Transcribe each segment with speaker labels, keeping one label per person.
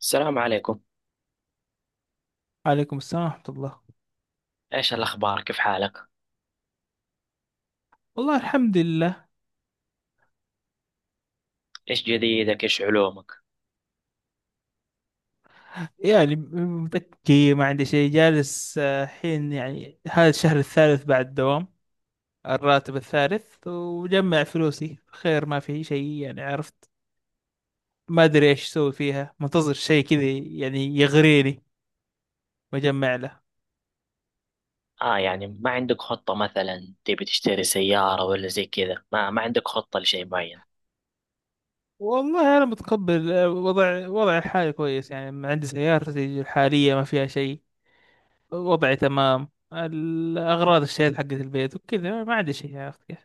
Speaker 1: السلام عليكم.
Speaker 2: عليكم السلام ورحمة الله.
Speaker 1: ايش الاخبار؟ كيف حالك؟
Speaker 2: والله الحمد لله.
Speaker 1: ايش جديدك؟ ايش علومك؟
Speaker 2: يعني متكي ما عندي شيء جالس، حين يعني هذا الشهر الثالث بعد الدوام الراتب الثالث، وجمع فلوسي خير، ما في شيء يعني، عرفت. ما أدري إيش أسوي فيها، منتظر شيء كذا يعني يغريني وأجمع له.
Speaker 1: اه، يعني ما عندك خطة مثلا تبي تشتري سيارة ولا زي كذا؟ ما عندك خطة لشيء معين؟
Speaker 2: والله أنا متقبل، وضع الحالي كويس، يعني عندي سيارتي الحالية ما فيها شيء، وضعي تمام. الأغراض اشتريت حقت البيت وكذا، ما عندي شيء يا أخي.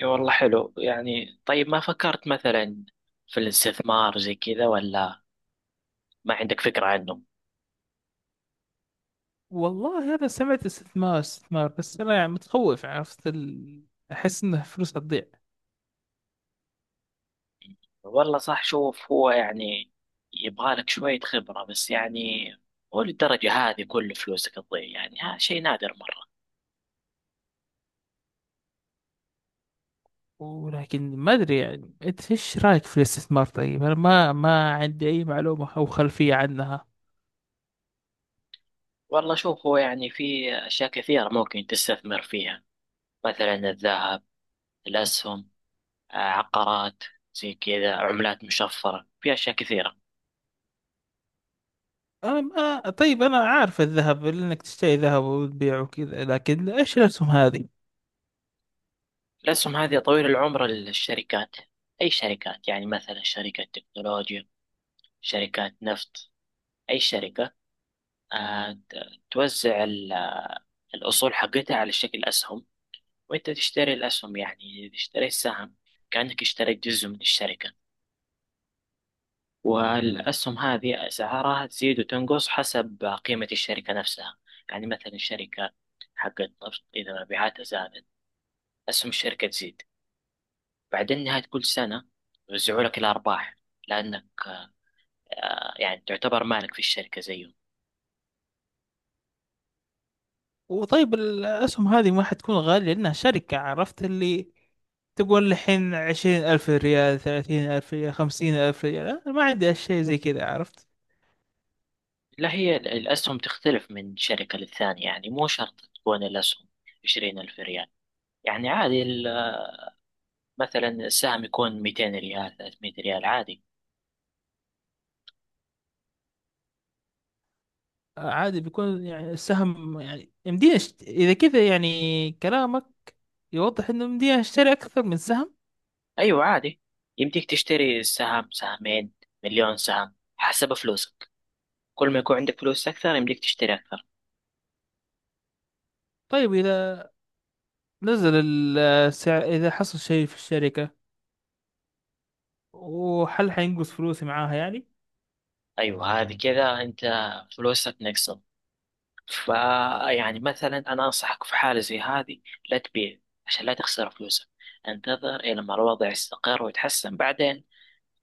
Speaker 1: اي والله، حلو. يعني طيب، ما فكرت مثلا في الاستثمار زي كذا؟ ولا ما عندك فكرة عنه؟
Speaker 2: والله أنا سمعت استثمار استثمار بس أنا يعني متخوف، عرفت أحس إنه فلوس هتضيع.
Speaker 1: والله صح. شوف، هو يعني يبغالك شوية خبرة، بس يعني هو للدرجة هذه كل فلوسك تضيع؟ يعني ها شيء نادر مرة.
Speaker 2: ولكن ما أدري، يعني أنت إيش رأيك في الاستثمار؟ طيب أنا ما عندي أي معلومة أو خلفية عنها.
Speaker 1: والله شوف، هو يعني في أشياء كثيرة ممكن تستثمر فيها: مثلا الذهب، الأسهم، عقارات، زي كذا، عملات مشفرة. في أشياء كثيرة.
Speaker 2: أم آه طيب، أنا عارف الذهب لأنك تشتري ذهب وتبيعه وكذا، لكن إيش الأسهم هذه؟
Speaker 1: الأسهم هذه طويل العمر للشركات. أي شركات؟ يعني مثلا شركة تكنولوجيا، شركات نفط، أي شركة توزع الأصول حقتها على شكل أسهم، وأنت تشتري الأسهم. يعني تشتري السهم كأنك اشتريت جزء من الشركة. والأسهم هذه أسعارها تزيد وتنقص حسب قيمة الشركة نفسها. يعني مثلا الشركة حقت نفط إذا مبيعاتها زادت، أسهم الشركة تزيد. بعدين نهاية كل سنة يوزعوا لك الأرباح، لأنك يعني تعتبر مالك في الشركة زيهم.
Speaker 2: وطيب، الأسهم هذه ما حتكون غالية لأنها شركة، عرفت اللي تقول الحين 20,000 ريال، 30,000 ريال، 50,000 ريال؟ أنا ما عندي أشياء زي كذا، عرفت.
Speaker 1: لا، الأسهم تختلف من شركة للثانية. يعني مو شرط تكون الأسهم 20,000 ريال. يعني عادي، مثلا السهم يكون 200 ريال، 300 ريال عادي.
Speaker 2: عادي بيكون يعني السهم، يعني يمديني إذا كذا يعني، كلامك يوضح إنه يمديني أشتري أكثر من سهم.
Speaker 1: أيوة عادي، يمديك تشتري سهم، سهمين، مليون سهم حسب فلوسك. كل ما يكون عندك فلوس أكثر يمديك تشتري أكثر.
Speaker 2: طيب، إذا نزل السعر، إذا حصل شيء في الشركة، وهل حينقص فلوسي معاها يعني؟
Speaker 1: أيوة، هذه كذا، أنت فلوسك نقصت. فيعني مثلا أنا أنصحك في حالة زي هذه لا تبيع، عشان لا تخسر فلوسك. انتظر إلى ما الوضع يستقر ويتحسن، بعدين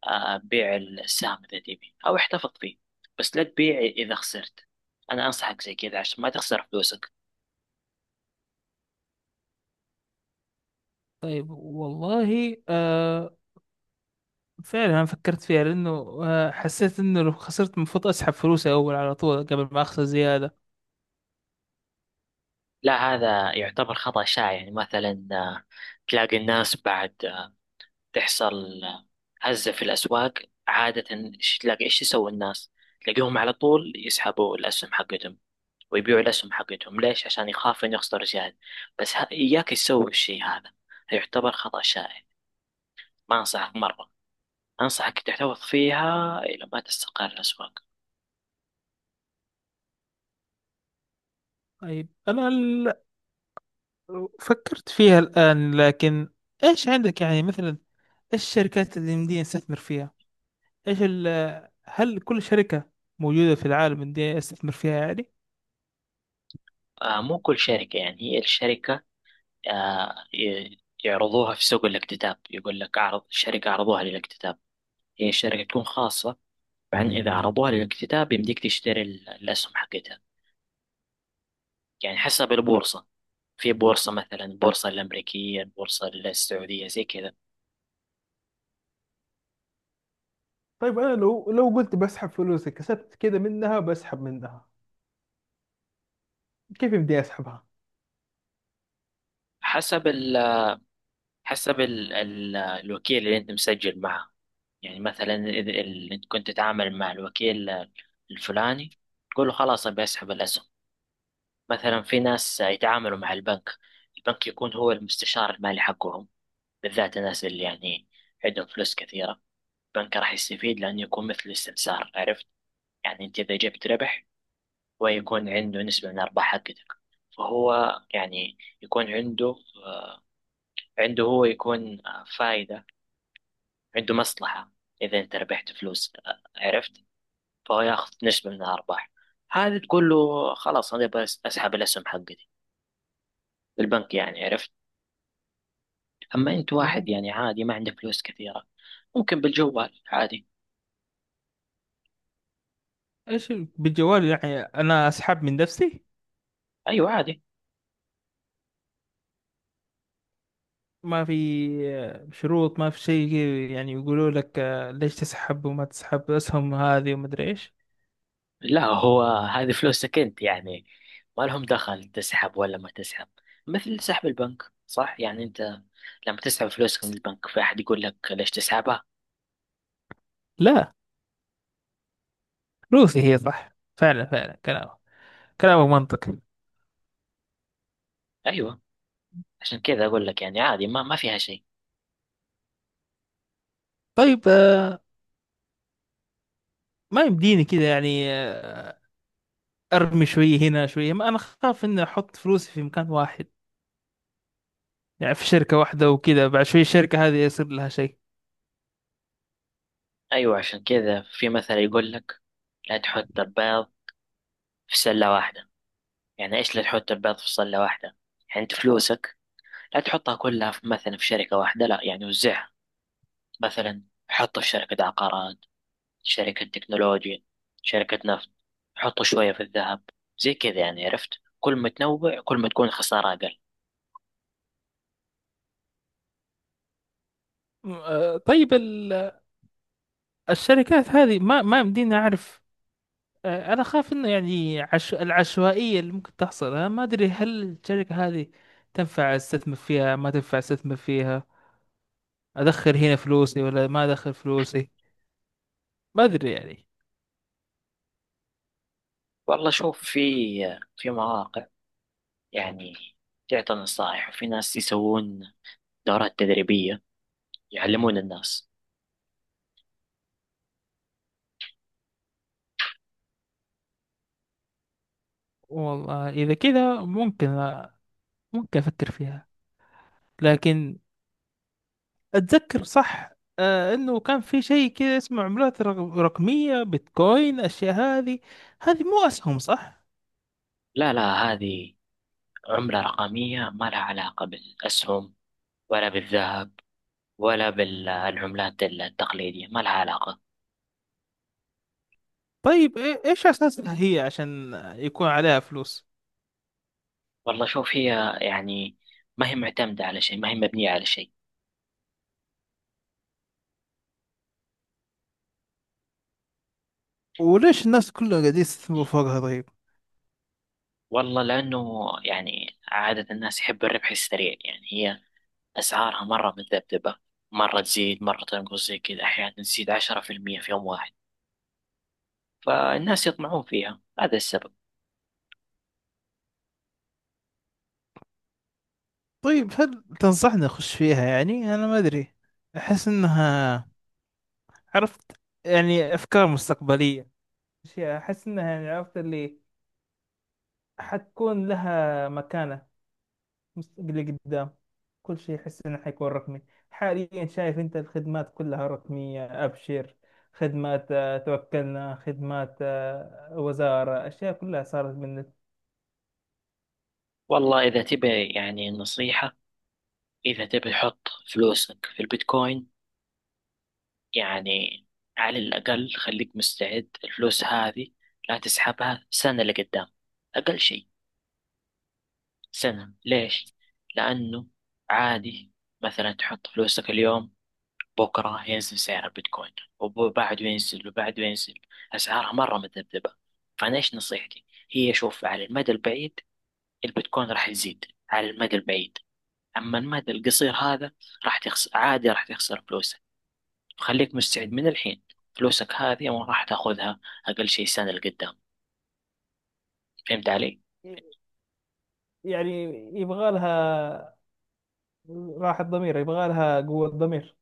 Speaker 1: بيع السهم إذا تبي، أو احتفظ فيه. بس لا تبيع إذا خسرت. أنا أنصحك زي كذا عشان ما تخسر فلوسك.
Speaker 2: طيب والله، فعلا أنا فكرت فيها لأنه، حسيت إنه لو خسرت المفروض أسحب فلوسي أول على طول قبل ما أخسر زيادة.
Speaker 1: لا، هذا يعتبر خطأ شائع. يعني مثلا تلاقي الناس بعد تحصل هزة في الأسواق عادة، تلاقي إيش يسوي الناس؟ تلاقيهم على طول يسحبوا الأسهم حقتهم ويبيعوا الأسهم حقتهم. ليش؟ عشان يخاف إنه يخسر زيادة. بس إياك تسوي الشيء هذا، يعتبر خطأ شائع. ما أنصحك مرة. أنصحك تحتفظ فيها إلى ما تستقر الأسواق.
Speaker 2: طيب، أنا فكرت فيها الآن، لكن إيش عندك يعني؟ مثلا إيش الشركات اللي يمديني أستثمر فيها؟ ايش ال هل كل شركة موجودة في العالم ان دي استثمر فيها يعني؟
Speaker 1: مو كل شركة. يعني هي الشركة يعرضوها في سوق الاكتتاب. يقول لك أعرض الشركة، عرضوها للاكتتاب. هي الشركة تكون خاصة، بعدين إذا عرضوها للاكتتاب يمديك تشتري الأسهم حقتها. يعني حسب البورصة. في بورصة مثلا البورصة الأمريكية، البورصة السعودية، زي كذا.
Speaker 2: طيب انا لو قلت بسحب فلوسي كسبت كده منها، بسحب منها كيف بدي اسحبها؟
Speaker 1: حسب ال حسب ال ال الوكيل اللي أنت مسجل معه. يعني مثلا إذا أنت كنت تتعامل مع الوكيل الفلاني، تقول له خلاص أبي أسحب الأسهم. مثلا في ناس يتعاملوا مع البنك. البنك يكون هو المستشار المالي حقهم، بالذات الناس اللي يعني عندهم فلوس كثيرة. البنك راح يستفيد، لأنه يكون مثل الاستثمار. عرفت؟ يعني أنت إذا جبت ربح، هو يكون عنده نسبة من الأرباح حقتك. فهو يعني يكون عنده، هو يكون فايدة، عنده مصلحة إذا أنت ربحت فلوس. عرفت؟ فهو ياخذ نسبة من الأرباح. هذه تقول له خلاص أنا أبغى أسحب الأسهم حقتي، البنك يعني. عرفت؟ أما أنت واحد
Speaker 2: وهم.
Speaker 1: يعني عادي ما عنده فلوس كثيرة، ممكن بالجوال عادي.
Speaker 2: ايش بالجوال؟ يعني انا اسحب من نفسي؟
Speaker 1: أيوة عادي.
Speaker 2: ما في شروط، ما في شيء كذا يعني، يقولوا لك ليش تسحب وما تسحب اسهم هذه وما ادري ايش؟
Speaker 1: لا، هو هذه فلوسك أنت، يعني ما لهم دخل تسحب ولا ما تسحب. مثل سحب البنك صح. يعني أنت لما تسحب فلوسك من البنك في أحد يقول لك ليش تسحبها؟
Speaker 2: لا، فلوسي هي صح. فعلا فعلا كلامك منطقي.
Speaker 1: أيوة، عشان كذا أقول لك يعني عادي، ما فيها شيء.
Speaker 2: طيب، ما يمديني كذا يعني؟ ارمي شويه هنا شويه، ما انا خاف اني احط فلوسي في مكان واحد يعني، في شركه واحده وكذا بعد شويه الشركه هذه يصير لها شيء.
Speaker 1: أيوة، عشان كذا في مثل يقول لك لا تحط البيض في سلة واحدة. يعني إيش لا تحط البيض في سلة واحدة؟ يعني أنت فلوسك لا تحطها كلها في مثلا في شركة واحدة، لا. يعني وزعها. مثلا حطوا في شركة عقارات، شركة تكنولوجيا، شركة نفط، حطوا شوية في الذهب، زي كذا. يعني عرفت؟ كل ما تنوع كل ما تكون خسارة أقل.
Speaker 2: طيب الشركات هذه ما يمديني اعرف، انا خاف انه يعني العشوائيه اللي ممكن تحصل. انا ما ادري هل الشركه هذه تنفع استثمر فيها ما تنفع استثمر فيها، ادخل هنا فلوسي ولا ما ادخل فلوسي؟ ما ادري يعني.
Speaker 1: والله شوف، في مواقع يعني تعطي نصائح، وفي ناس يسوون دورات تدريبية يعلمون الناس.
Speaker 2: والله اذا كذا ممكن افكر فيها. لكن اتذكر صح، انه كان في شيء كده اسمه عملات رقمية، بيتكوين اشياء هذه. هذه مو اسهم صح؟
Speaker 1: لا لا، هذه عملة رقمية ما لها علاقة بالأسهم، ولا بالذهب، ولا بالعملات التقليدية. ما لها علاقة.
Speaker 2: طيب، ايش اساسها هي عشان يكون عليها فلوس؟
Speaker 1: والله شوف، هي يعني ما هي معتمدة على شيء، ما هي مبنية على شيء.
Speaker 2: وليش الناس كلها قاعدين يستثمروا فوقها طيب؟
Speaker 1: والله لأنه يعني عادة الناس يحب الربح السريع. يعني هي أسعارها مرة متذبذبة، مرة تزيد مرة تنقص زي كذا. أحيانا تزيد 10% في يوم واحد، فالناس يطمعون فيها. هذا السبب.
Speaker 2: طيب، هل تنصحني اخش فيها؟ يعني انا ما ادري، احس انها، عرفت، يعني افكار مستقبلية، أشياء احس انها يعني، عرفت اللي حتكون لها مكانة مستقبلي قدام. كل شيء أحس إنه حيكون رقمي. حاليا شايف أنت الخدمات كلها رقمية، أبشر خدمات، توكلنا خدمات، وزارة، أشياء كلها صارت من.
Speaker 1: والله إذا تبي يعني نصيحة، إذا تبي حط فلوسك في البيتكوين، يعني على الأقل خليك مستعد الفلوس هذه لا تسحبها سنة لقدام. أقل شيء سنة. ليش؟ لأنه عادي مثلا تحط فلوسك اليوم، بكرة ينزل سعر البيتكوين، وبعده ينزل، وبعده ينزل. أسعارها مرة مذبذبة. فأنا إيش نصيحتي؟ هي شوف، على المدى البعيد البيتكوين راح يزيد، على المدى البعيد. أما المدى القصير هذا راح تخسر، عادي راح تخسر فلوسك. خليك مستعد من الحين، فلوسك هذه ما راح تاخذها أقل شيء سنة لقدام. فهمت علي؟
Speaker 2: يعني يبغى لها راحة ضمير، يبغى لها قوة ضمير.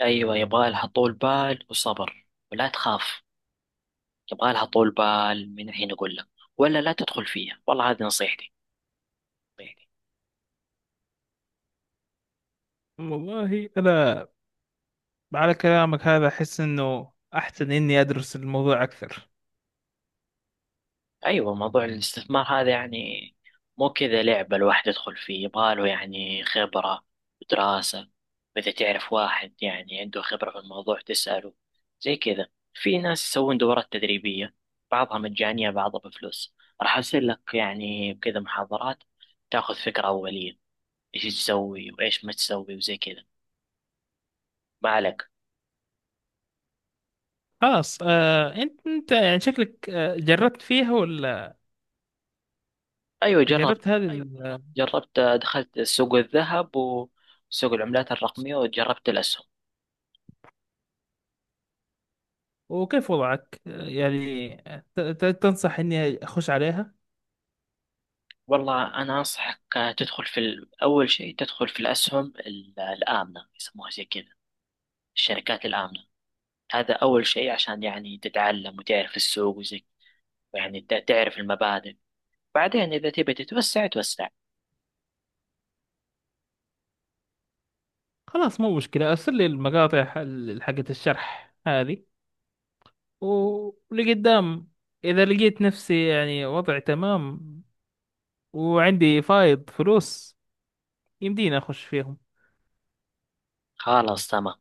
Speaker 1: أيوة، يبغالها طول بال وصبر، ولا تخاف. يبغى لها طول بال، من الحين اقول لك، ولا لا تدخل فيها. والله هذه نصيحتي.
Speaker 2: والله أنا على كلامك هذا أحس إنه أحسن إني أدرس الموضوع أكثر.
Speaker 1: ايوه، موضوع الاستثمار هذا يعني مو كذا لعبه. الواحد يدخل فيه يبغى له يعني خبره ودراسه. واذا تعرف واحد يعني عنده خبره في الموضوع تساله، زي كذا. في ناس يسوون دورات تدريبيه، بعضها مجانيه بعضها بفلوس. راح ارسل لك يعني كذا محاضرات تاخذ فكره اوليه، ايش تسوي وايش ما تسوي وزي كذا. ما عليك.
Speaker 2: خلاص، أنت يعني شكلك جربت فيها ولا؟
Speaker 1: ايوه جرب.
Speaker 2: جربت هذه أيوة. أيوة.
Speaker 1: جربت دخلت سوق الذهب وسوق العملات الرقمية وجربت الأسهم.
Speaker 2: وكيف وضعك يعني؟ تنصح اني اخش عليها؟
Speaker 1: والله أنا أنصحك تدخل في أول شيء تدخل في الأسهم الآمنة يسموها، زي كذا. الشركات الآمنة، هذا أول شيء عشان يعني تتعلم وتعرف السوق وزي، يعني تعرف المبادئ. بعدين إذا تبي تتوسع توسع.
Speaker 2: خلاص مو مشكلة، ارسل لي المقاطع حقت الشرح هذه، ولقدام اذا لقيت نفسي يعني وضعي تمام وعندي فايض فلوس يمديني اخش فيهم.
Speaker 1: خلاص تمام.